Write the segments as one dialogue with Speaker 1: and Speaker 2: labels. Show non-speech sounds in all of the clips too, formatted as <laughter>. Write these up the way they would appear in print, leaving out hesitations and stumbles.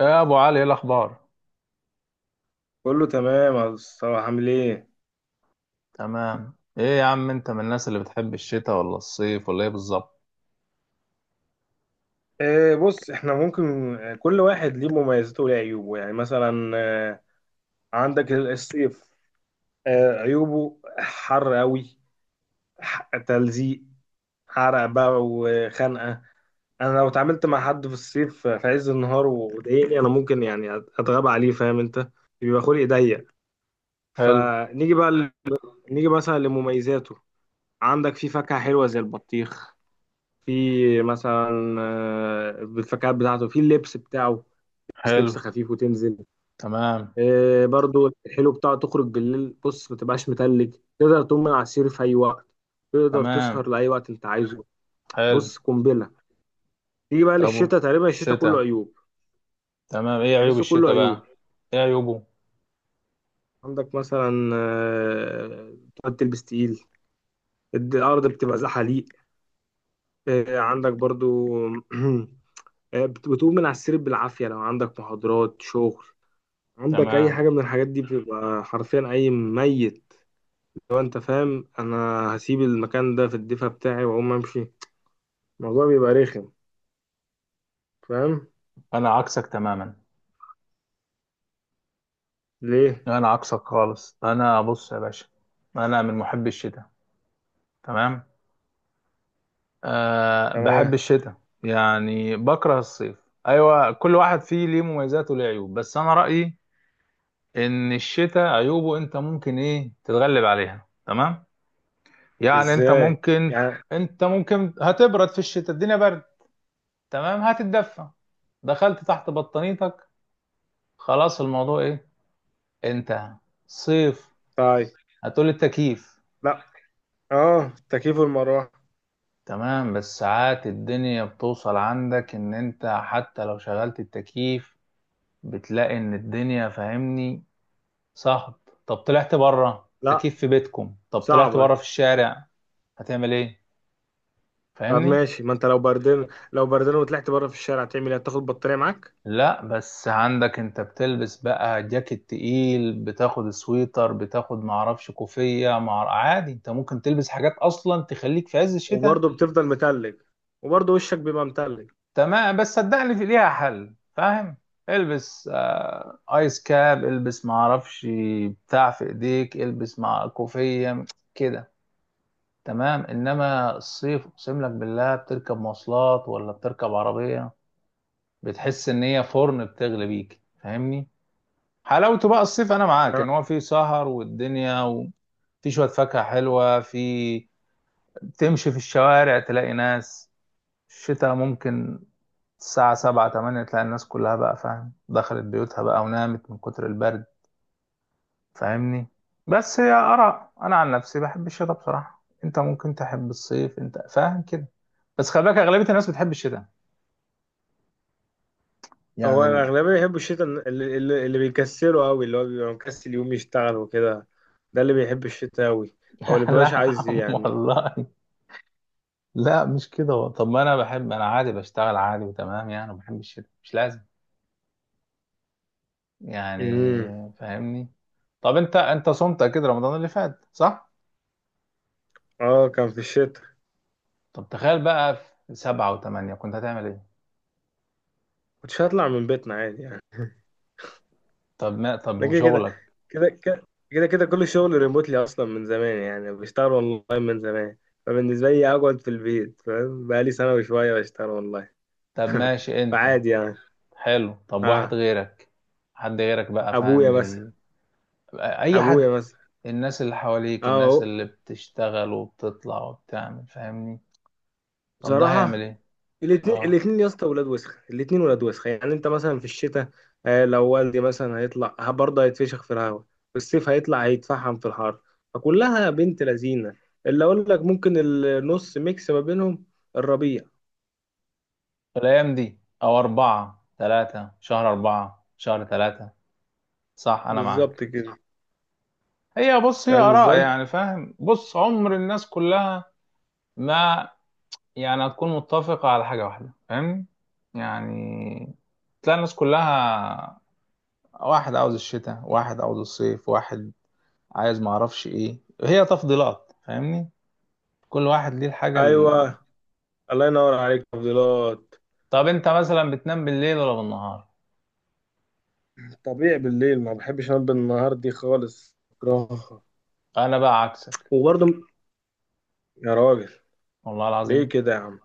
Speaker 1: يا ابو علي ايه الاخبار؟
Speaker 2: كله تمام يا مصطفى، عامل ايه؟
Speaker 1: تمام ايه يا عم، انت من الناس اللي بتحب الشتاء ولا الصيف ولا ايه بالظبط؟
Speaker 2: بص احنا ممكن، كل واحد ليه مميزاته وليه عيوبه، يعني مثلا. آه عندك الصيف، عيوبه حر قوي، تلزيق، حرق بقى وخنقة. انا لو اتعاملت مع حد في الصيف في عز النهار وضايقني، انا ممكن يعني اتغاب عليه، فاهم انت؟ بيبقى خلقي ضيق.
Speaker 1: حلو.
Speaker 2: فنيجي بقى ل... نيجي مثلا لمميزاته. عندك في فاكهة حلوة زي البطيخ، في مثلا، الفكات بتاعته في اللبس بتاعه، بس
Speaker 1: حلو.
Speaker 2: لبس خفيف وتنزل.
Speaker 1: تمام.
Speaker 2: برضو الحلو بتاعه تخرج بالليل، بص ما تبقاش متلج، تقدر تقوم من على السرير في اي وقت، تقدر
Speaker 1: تمام.
Speaker 2: تسهر لاي وقت انت عايزه.
Speaker 1: حلو.
Speaker 2: بص قنبله. تيجي بقى
Speaker 1: طب
Speaker 2: للشتاء، تقريبا الشتاء كله
Speaker 1: الشتاء،
Speaker 2: عيوب،
Speaker 1: تمام، ايه عيوب
Speaker 2: تحسه كله
Speaker 1: الشتاء
Speaker 2: عيوب.
Speaker 1: بقى؟ ايه عيوبه؟
Speaker 2: عندك مثلا، تقعد تلبس تقيل، الارض بتبقى زحاليق، عندك برضو <clears throat> بتقوم من على السرير بالعافيه لو عندك محاضرات، شغل، عندك اي
Speaker 1: تمام.
Speaker 2: حاجه من الحاجات دي، بتبقى حرفيا اي ميت، لو انت فاهم انا. هسيب المكان ده في الدفا بتاعي واقوم امشي، الموضوع بيبقى رخم، فاهم؟
Speaker 1: انا عكسك تماما،
Speaker 2: ليه؟
Speaker 1: انا عكسك خالص. انا بص يا باشا، انا من محبي الشتاء. تمام. أه بحب
Speaker 2: تمام.
Speaker 1: الشتاء، يعني بكره الصيف. ايوه، كل واحد فيه ليه مميزات وليه عيوب، بس انا رأيي ان الشتاء عيوبه انت ممكن ايه تتغلب عليها. تمام. يعني انت
Speaker 2: ازاي؟
Speaker 1: ممكن
Speaker 2: يعني.
Speaker 1: انت ممكن هتبرد في الشتاء، الدنيا برد. تمام، هتتدفى، دخلت تحت بطانيتك، خلاص الموضوع ايه، انتهى. صيف،
Speaker 2: طيب.
Speaker 1: هتقول التكييف.
Speaker 2: لا. اه، تكييف، المروحه.
Speaker 1: تمام، بس ساعات الدنيا بتوصل عندك ان انت حتى لو شغلت التكييف بتلاقي ان الدنيا فاهمني صهد. طب طلعت بره
Speaker 2: لا،
Speaker 1: تكييف في بيتكم، طب طلعت بره
Speaker 2: صعبه.
Speaker 1: في الشارع هتعمل ايه؟
Speaker 2: طب
Speaker 1: فاهمني.
Speaker 2: ماشي، ما انت لو بردان، لو بردان وطلعت بره في الشارع تعمل ايه، تاخد بطاريه معاك؟
Speaker 1: لا بس عندك انت بتلبس بقى جاكيت تقيل، بتاخد سويتر، بتاخد معرفش كوفية، مع عادي انت ممكن تلبس حاجات اصلا تخليك في عز الشتاء.
Speaker 2: وبرضه بتفضل متلج، وبرضه وشك بيبقى متلج.
Speaker 1: تمام، بس صدقني في ليها حل، فاهم؟ البس آه ايس كاب، البس معرفش بتاع في ايديك، البس مع كوفية، كده. تمام، انما الصيف اقسم لك بالله بتركب مواصلات ولا بتركب عربية بتحس ان هي فرن بتغلي بيك، فاهمني؟ حلاوته بقى الصيف انا معاك ان هو فيه سهر والدنيا، وفي شويه فاكهه حلوه، في تمشي في الشوارع تلاقي ناس. الشتاء ممكن الساعه سبعة تمانية تلاقي الناس كلها بقى فاهم دخلت بيوتها بقى ونامت من كتر البرد، فاهمني؟ بس هي اراء، انا عن نفسي بحب الشتاء بصراحه. انت ممكن تحب الصيف، انت فاهم كده، بس خلي بالك اغلبيه الناس بتحب الشتاء. يعني
Speaker 2: هو الأغلبية بيحبوا الشتاء، اللي بيكسله أوي، اللي هو بيبقى مكسل يقوم يشتغل وكده، ده اللي بيحب الشتاء أوي،
Speaker 1: <laughs>
Speaker 2: أو
Speaker 1: يا
Speaker 2: اللي
Speaker 1: لا
Speaker 2: مبيبقاش
Speaker 1: يا
Speaker 2: عايز
Speaker 1: عم
Speaker 2: يعني.
Speaker 1: والله. لا مش كده طب ما انا بحب، انا عادي بشتغل عادي وتمام يعني وبحب الشتاء، مش لازم
Speaker 2: امم.
Speaker 1: يعني، فاهمني؟ طب انت صمت اكيد رمضان اللي فات صح؟
Speaker 2: اه كان في الشتاء.
Speaker 1: طب تخيل بقى، في سبعة وثمانية كنت هتعمل ايه؟
Speaker 2: كنتش هطلع من بيتنا عادي يعني.
Speaker 1: طب ما طب
Speaker 2: ده كده،
Speaker 1: وشغلك؟
Speaker 2: كده كده كده كده كل الشغل ريموتلي أصلا من زمان، يعني بشتغل أونلاين من زمان، فبالنسبة لي أقعد في البيت، فاهم؟ بقالي سنة وشوية بشتغل أونلاين،
Speaker 1: طب ماشي انت.
Speaker 2: فعادي يعني.
Speaker 1: حلو، طب واحد
Speaker 2: اه.
Speaker 1: غيرك، حد غيرك بقى
Speaker 2: أبويا
Speaker 1: فاهم
Speaker 2: مثلا.
Speaker 1: اي حد،
Speaker 2: أبويا مثلا.
Speaker 1: الناس اللي
Speaker 2: اه
Speaker 1: حواليك، الناس
Speaker 2: أهو.
Speaker 1: اللي بتشتغل وبتطلع وبتعمل فاهمني. طب ده هيعمل
Speaker 2: بصراحة،
Speaker 1: ايه؟
Speaker 2: الاثنين
Speaker 1: اه،
Speaker 2: الاثنين يا اسطى ولاد وسخه، الاثنين ولاد وسخه، يعني انت مثلا في الشتاء، لو والدي مثلا هيطلع برضه هيتفشخ في الهواء، في الصيف هيطلع هيتفحم في الحر، فكلها بنت لذينه. اللي اقول لك، ممكن النص، ميكس ما بينهم، الربيع.
Speaker 1: الأيام دي أو أربعة تلاتة، شهر أربعة شهر تلاتة، صح، أنا معاك.
Speaker 2: بالظبط كده.
Speaker 1: هي بص هي
Speaker 2: فاهم
Speaker 1: آراء
Speaker 2: ازاي؟
Speaker 1: يعني، فاهم؟ بص عمر الناس كلها ما يعني هتكون متفقة على حاجة واحدة، فاهم يعني؟ تلاقي الناس كلها، واحد عاوز الشتاء، واحد عاوز الصيف، واحد عايز معرفش إيه، هي تفضيلات فاهمني. كل واحد ليه الحاجة
Speaker 2: ايوه. الله ينور عليك، تفضيلات.
Speaker 1: طب أنت مثلا بتنام بالليل ولا بالنهار؟
Speaker 2: طبيعي بالليل، ما بحبش انام بالنهار دي خالص، بكرهها.
Speaker 1: أنا بقى عكسك،
Speaker 2: وبرضه. يا راجل،
Speaker 1: والله
Speaker 2: ليه
Speaker 1: العظيم.
Speaker 2: كده يا عم؟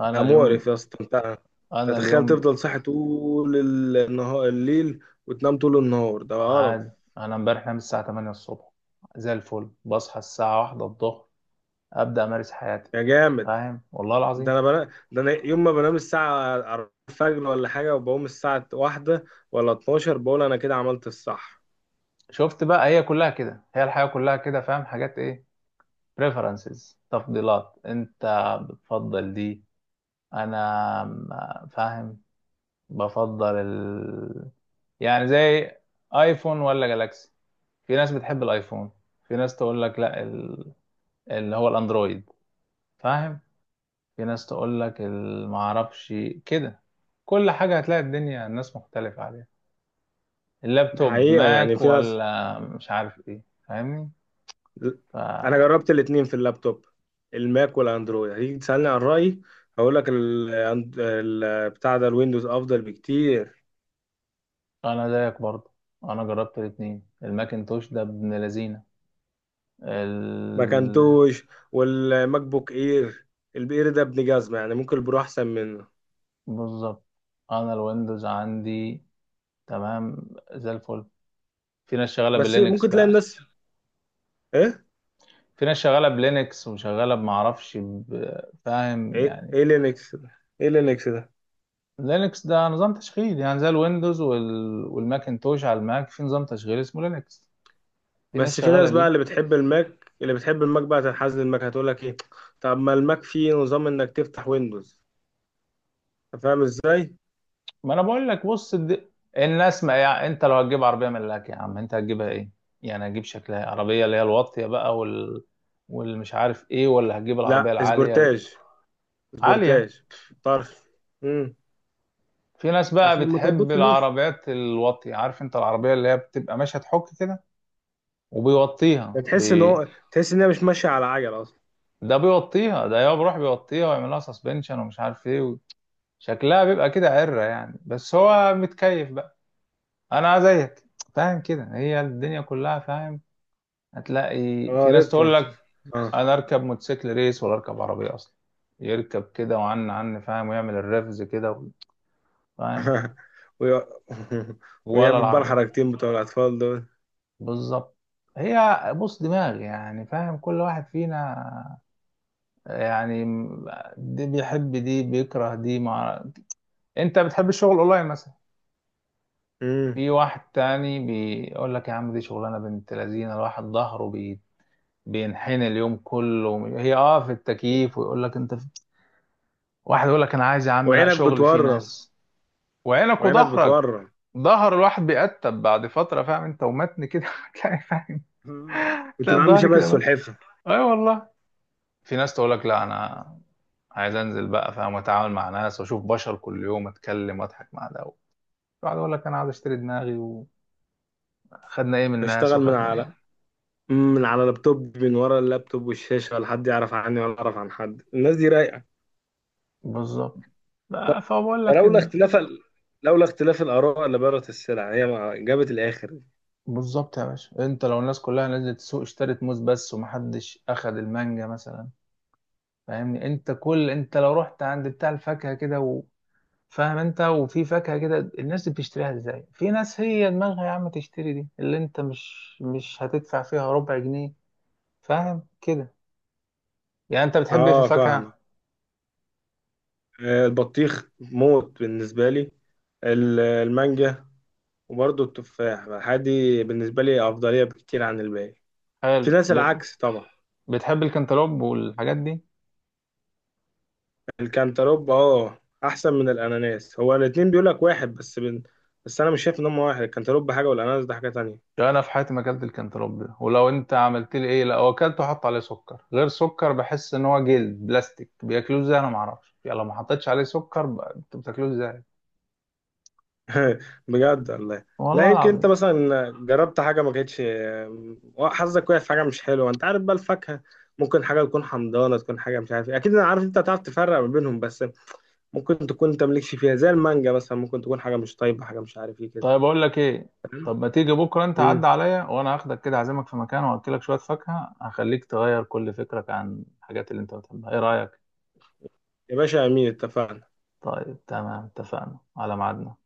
Speaker 1: أنا
Speaker 2: مقرف
Speaker 1: اليوم
Speaker 2: يا اسطى انت.
Speaker 1: أنا
Speaker 2: تتخيل
Speaker 1: اليوم
Speaker 2: تفضل صاحي طول النهار الليل وتنام طول النهار، ده قرف.
Speaker 1: عادي، انا امبارح نام الساعه 8 الصبح، زي الفل بصحى الساعه 1 الظهر، ابدا امارس حياتي
Speaker 2: يا جامد.
Speaker 1: فاهم، والله العظيم.
Speaker 2: ده انا يوم ما بنام الساعة 4 الفجر ولا حاجة وبقوم الساعة واحدة ولا 12 بقول انا كده عملت الصح.
Speaker 1: شفت بقى؟ هي كلها كده، هي الحياه كلها كده، فاهم؟ حاجات ايه، preferences، تفضيلات، انت بتفضل دي، انا فاهم، بفضل يعني زي ايفون ولا جالاكسي، في ناس بتحب الايفون، في ناس تقول لك لا اللي هو الاندرويد، فاهم؟ في ناس تقول لك المعرفش كده. كل حاجة هتلاقي الدنيا الناس مختلفة عليها.
Speaker 2: ده
Speaker 1: اللابتوب
Speaker 2: حقيقة، يعني
Speaker 1: ماك
Speaker 2: في ناس.
Speaker 1: ولا مش عارف ايه، فاهمني؟
Speaker 2: انا
Speaker 1: فأنا
Speaker 2: جربت الاتنين في اللابتوب، الماك والاندرويد، هتيجي تسألني عن رأيي، هقول لك بتاع ده، الويندوز افضل بكتير.
Speaker 1: زيك برضه، أنا جربت الاتنين، الماكنتوش ده ابن لذينة ال...
Speaker 2: مكنتوش والماك بوك اير، الاير ده ابن جزمه، يعني ممكن البرو احسن منه.
Speaker 1: بالظبط. أنا الويندوز عندي، تمام، زي الفل. في ناس شغالة
Speaker 2: بس
Speaker 1: باللينكس
Speaker 2: ممكن تلاقي
Speaker 1: بقى،
Speaker 2: الناس. ايه؟
Speaker 1: في ناس شغالة بلينكس وشغالة بمعرفش فاهم يعني.
Speaker 2: ايه لينكس ده؟ ايه لينكس ده؟
Speaker 1: لينكس ده نظام تشغيل، يعني زي الويندوز والماكنتوش على الماك، في نظام تشغيل اسمه لينكس، في ناس
Speaker 2: بس في
Speaker 1: شغاله
Speaker 2: ناس بقى
Speaker 1: بيه.
Speaker 2: اللي بتحب الماك بقى تنحاز للماك، هتقول لك ايه؟ طب ما الماك فيه نظام انك تفتح ويندوز، أنت فاهم ازاي.
Speaker 1: ما انا بقول لك بص الناس ما يعني انت لو هتجيب عربيه ملاك يا عم انت هتجيبها ايه؟ يعني هتجيب شكلها إيه؟ عربيه اللي هي الواطيه بقى والمش عارف ايه، ولا هتجيب
Speaker 2: لا،
Speaker 1: العربيه العاليه؟
Speaker 2: سبورتاج،
Speaker 1: عاليه.
Speaker 2: سبورتاج، طرف. امم.
Speaker 1: في ناس بقى
Speaker 2: عشان ما
Speaker 1: بتحب
Speaker 2: طبطش في مصر.
Speaker 1: العربيات الواطيه، عارف، انت العربيه اللي هي بتبقى ماشيه تحك كده، وبيوطيها
Speaker 2: تحس ان هي مش ماشيه على عجل اصلا.
Speaker 1: ده بيوطيها، ده يا بيروح بيوطيها ويعمل لها سسبنشن ومش عارف ايه، شكلها بيبقى كده عرة يعني، بس هو متكيف بقى. انا زيك فاهم كده. هي الدنيا كلها فاهم، هتلاقي في
Speaker 2: اه،
Speaker 1: ناس تقول
Speaker 2: ريفرنس.
Speaker 1: لك انا اركب موتوسيكل ريس ولا اركب عربية اصلا، يركب كده وعن فاهم، ويعمل الرفز كده فاهم،
Speaker 2: <laughs> وي- <laughs>
Speaker 1: ولا
Speaker 2: ويعمل بقى
Speaker 1: العربية.
Speaker 2: الحركتين بتوع الأطفال دول.
Speaker 1: بالظبط. هي بص دماغ يعني، فاهم؟ كل واحد فينا يعني، دي بيحب، دي بيكره، دي انت بتحب الشغل اونلاين مثلا،
Speaker 2: مم.
Speaker 1: في واحد تاني بيقول لك يا عم دي شغلانه بنت لذينه، الواحد ظهره بينحني اليوم كله، هي اه في التكييف، ويقول لك انت في واحد يقول لك انا عايز يا عم لا
Speaker 2: وعينك
Speaker 1: شغل فيه اه
Speaker 2: بتورم.
Speaker 1: ناس، وعينك
Speaker 2: وعينك
Speaker 1: وظهرك،
Speaker 2: بتورم.
Speaker 1: ظهر الواحد بيقتب بعد فتره، فاهم انت؟ ومتن كده <laughs> هتلاقي فاهم،
Speaker 2: آه. كنت
Speaker 1: هتلاقي
Speaker 2: بعمل
Speaker 1: الظهر
Speaker 2: شبه
Speaker 1: كده بس.
Speaker 2: السلحفة.
Speaker 1: اي والله. في ناس تقول لك لا انا عايز انزل بقى فاهم واتعامل مع ناس واشوف بشر كل يوم، اتكلم واضحك مع ده، واحد يقول لك انا عايز اشتري دماغي، وخدنا ايه من الناس،
Speaker 2: بشتغل من
Speaker 1: وخدنا من،
Speaker 2: على من على لابتوب، من ورا اللابتوب والشاشة، ولا حد يعرف عني ولا أعرف عن حد، الناس دي رايقة.
Speaker 1: بالظبط. آه، فبقول لك
Speaker 2: فلولا اختلاف ال... لولا اختلاف الآراء لبارت السلع، هي ما- جابت الآخر.
Speaker 1: بالظبط يا باشا، انت لو الناس كلها نزلت السوق اشترت موز بس، ومحدش اخد المانجا مثلا، فاهمني؟ انت كل انت لو رحت عند بتاع الفاكهه كده فاهم انت، وفي فاكهه كده الناس دي بتشتريها ازاي، في ناس هي دماغها يا عم تشتري دي اللي انت مش هتدفع فيها ربع جنيه، فاهم كده؟ يعني انت بتحب ايه في
Speaker 2: اه، فاهمة.
Speaker 1: الفاكهه؟
Speaker 2: البطيخ موت بالنسبة لي، المانجا، وبرضه التفاح الحادي، بالنسبة لي أفضلية بكتير عن الباقي.
Speaker 1: حلو
Speaker 2: في ناس العكس طبعا.
Speaker 1: بتحب الكنتالوب والحاجات دي؟
Speaker 2: الكنتالوب اه، أحسن من الأناناس، هو الاتنين بيقولك واحد، بس أنا مش شايف إن هما واحد، الكنتالوب حاجة والأناناس ده حاجة تانية.
Speaker 1: انا في حياتي ما اكلت الكنتالوب ده، ولو انت عملت لي ايه، لو اكلته حط عليه سكر غير سكر، بحس ان هو جلد بلاستيك، بياكلوه ازاي، انا ما اعرفش يعني. لو ما حطيتش عليه سكر انت بتاكلوه ازاي؟
Speaker 2: <laughs> بجد والله. لا
Speaker 1: والله
Speaker 2: يمكن أنت
Speaker 1: العظيم.
Speaker 2: مثلا جربت حاجة ما كانتش، حظك وقع في حاجة مش حلوة، أنت عارف بقى الفاكهة ممكن حاجة تكون حمضانة، تكون حاجة مش عارف إيه. أكيد أنا عارف أنت هتعرف تفرق ما بينهم، بس ممكن تكون أنت مالكش فيها زي المانجا مثلا، ممكن تكون حاجة مش طيبة، حاجة مش عارف إيه كده.
Speaker 1: طيب اقول لك ايه، طب ما تيجي بكره انت عدى
Speaker 2: مم.
Speaker 1: عليا، وانا هاخدك كده اعزمك في مكان واكلك شويه فاكهه، هخليك تغير كل فكرك عن الحاجات اللي انت بتحبها، ايه رايك؟
Speaker 2: يا باشا امين، اتفقنا.
Speaker 1: طيب تمام، اتفقنا على ميعادنا.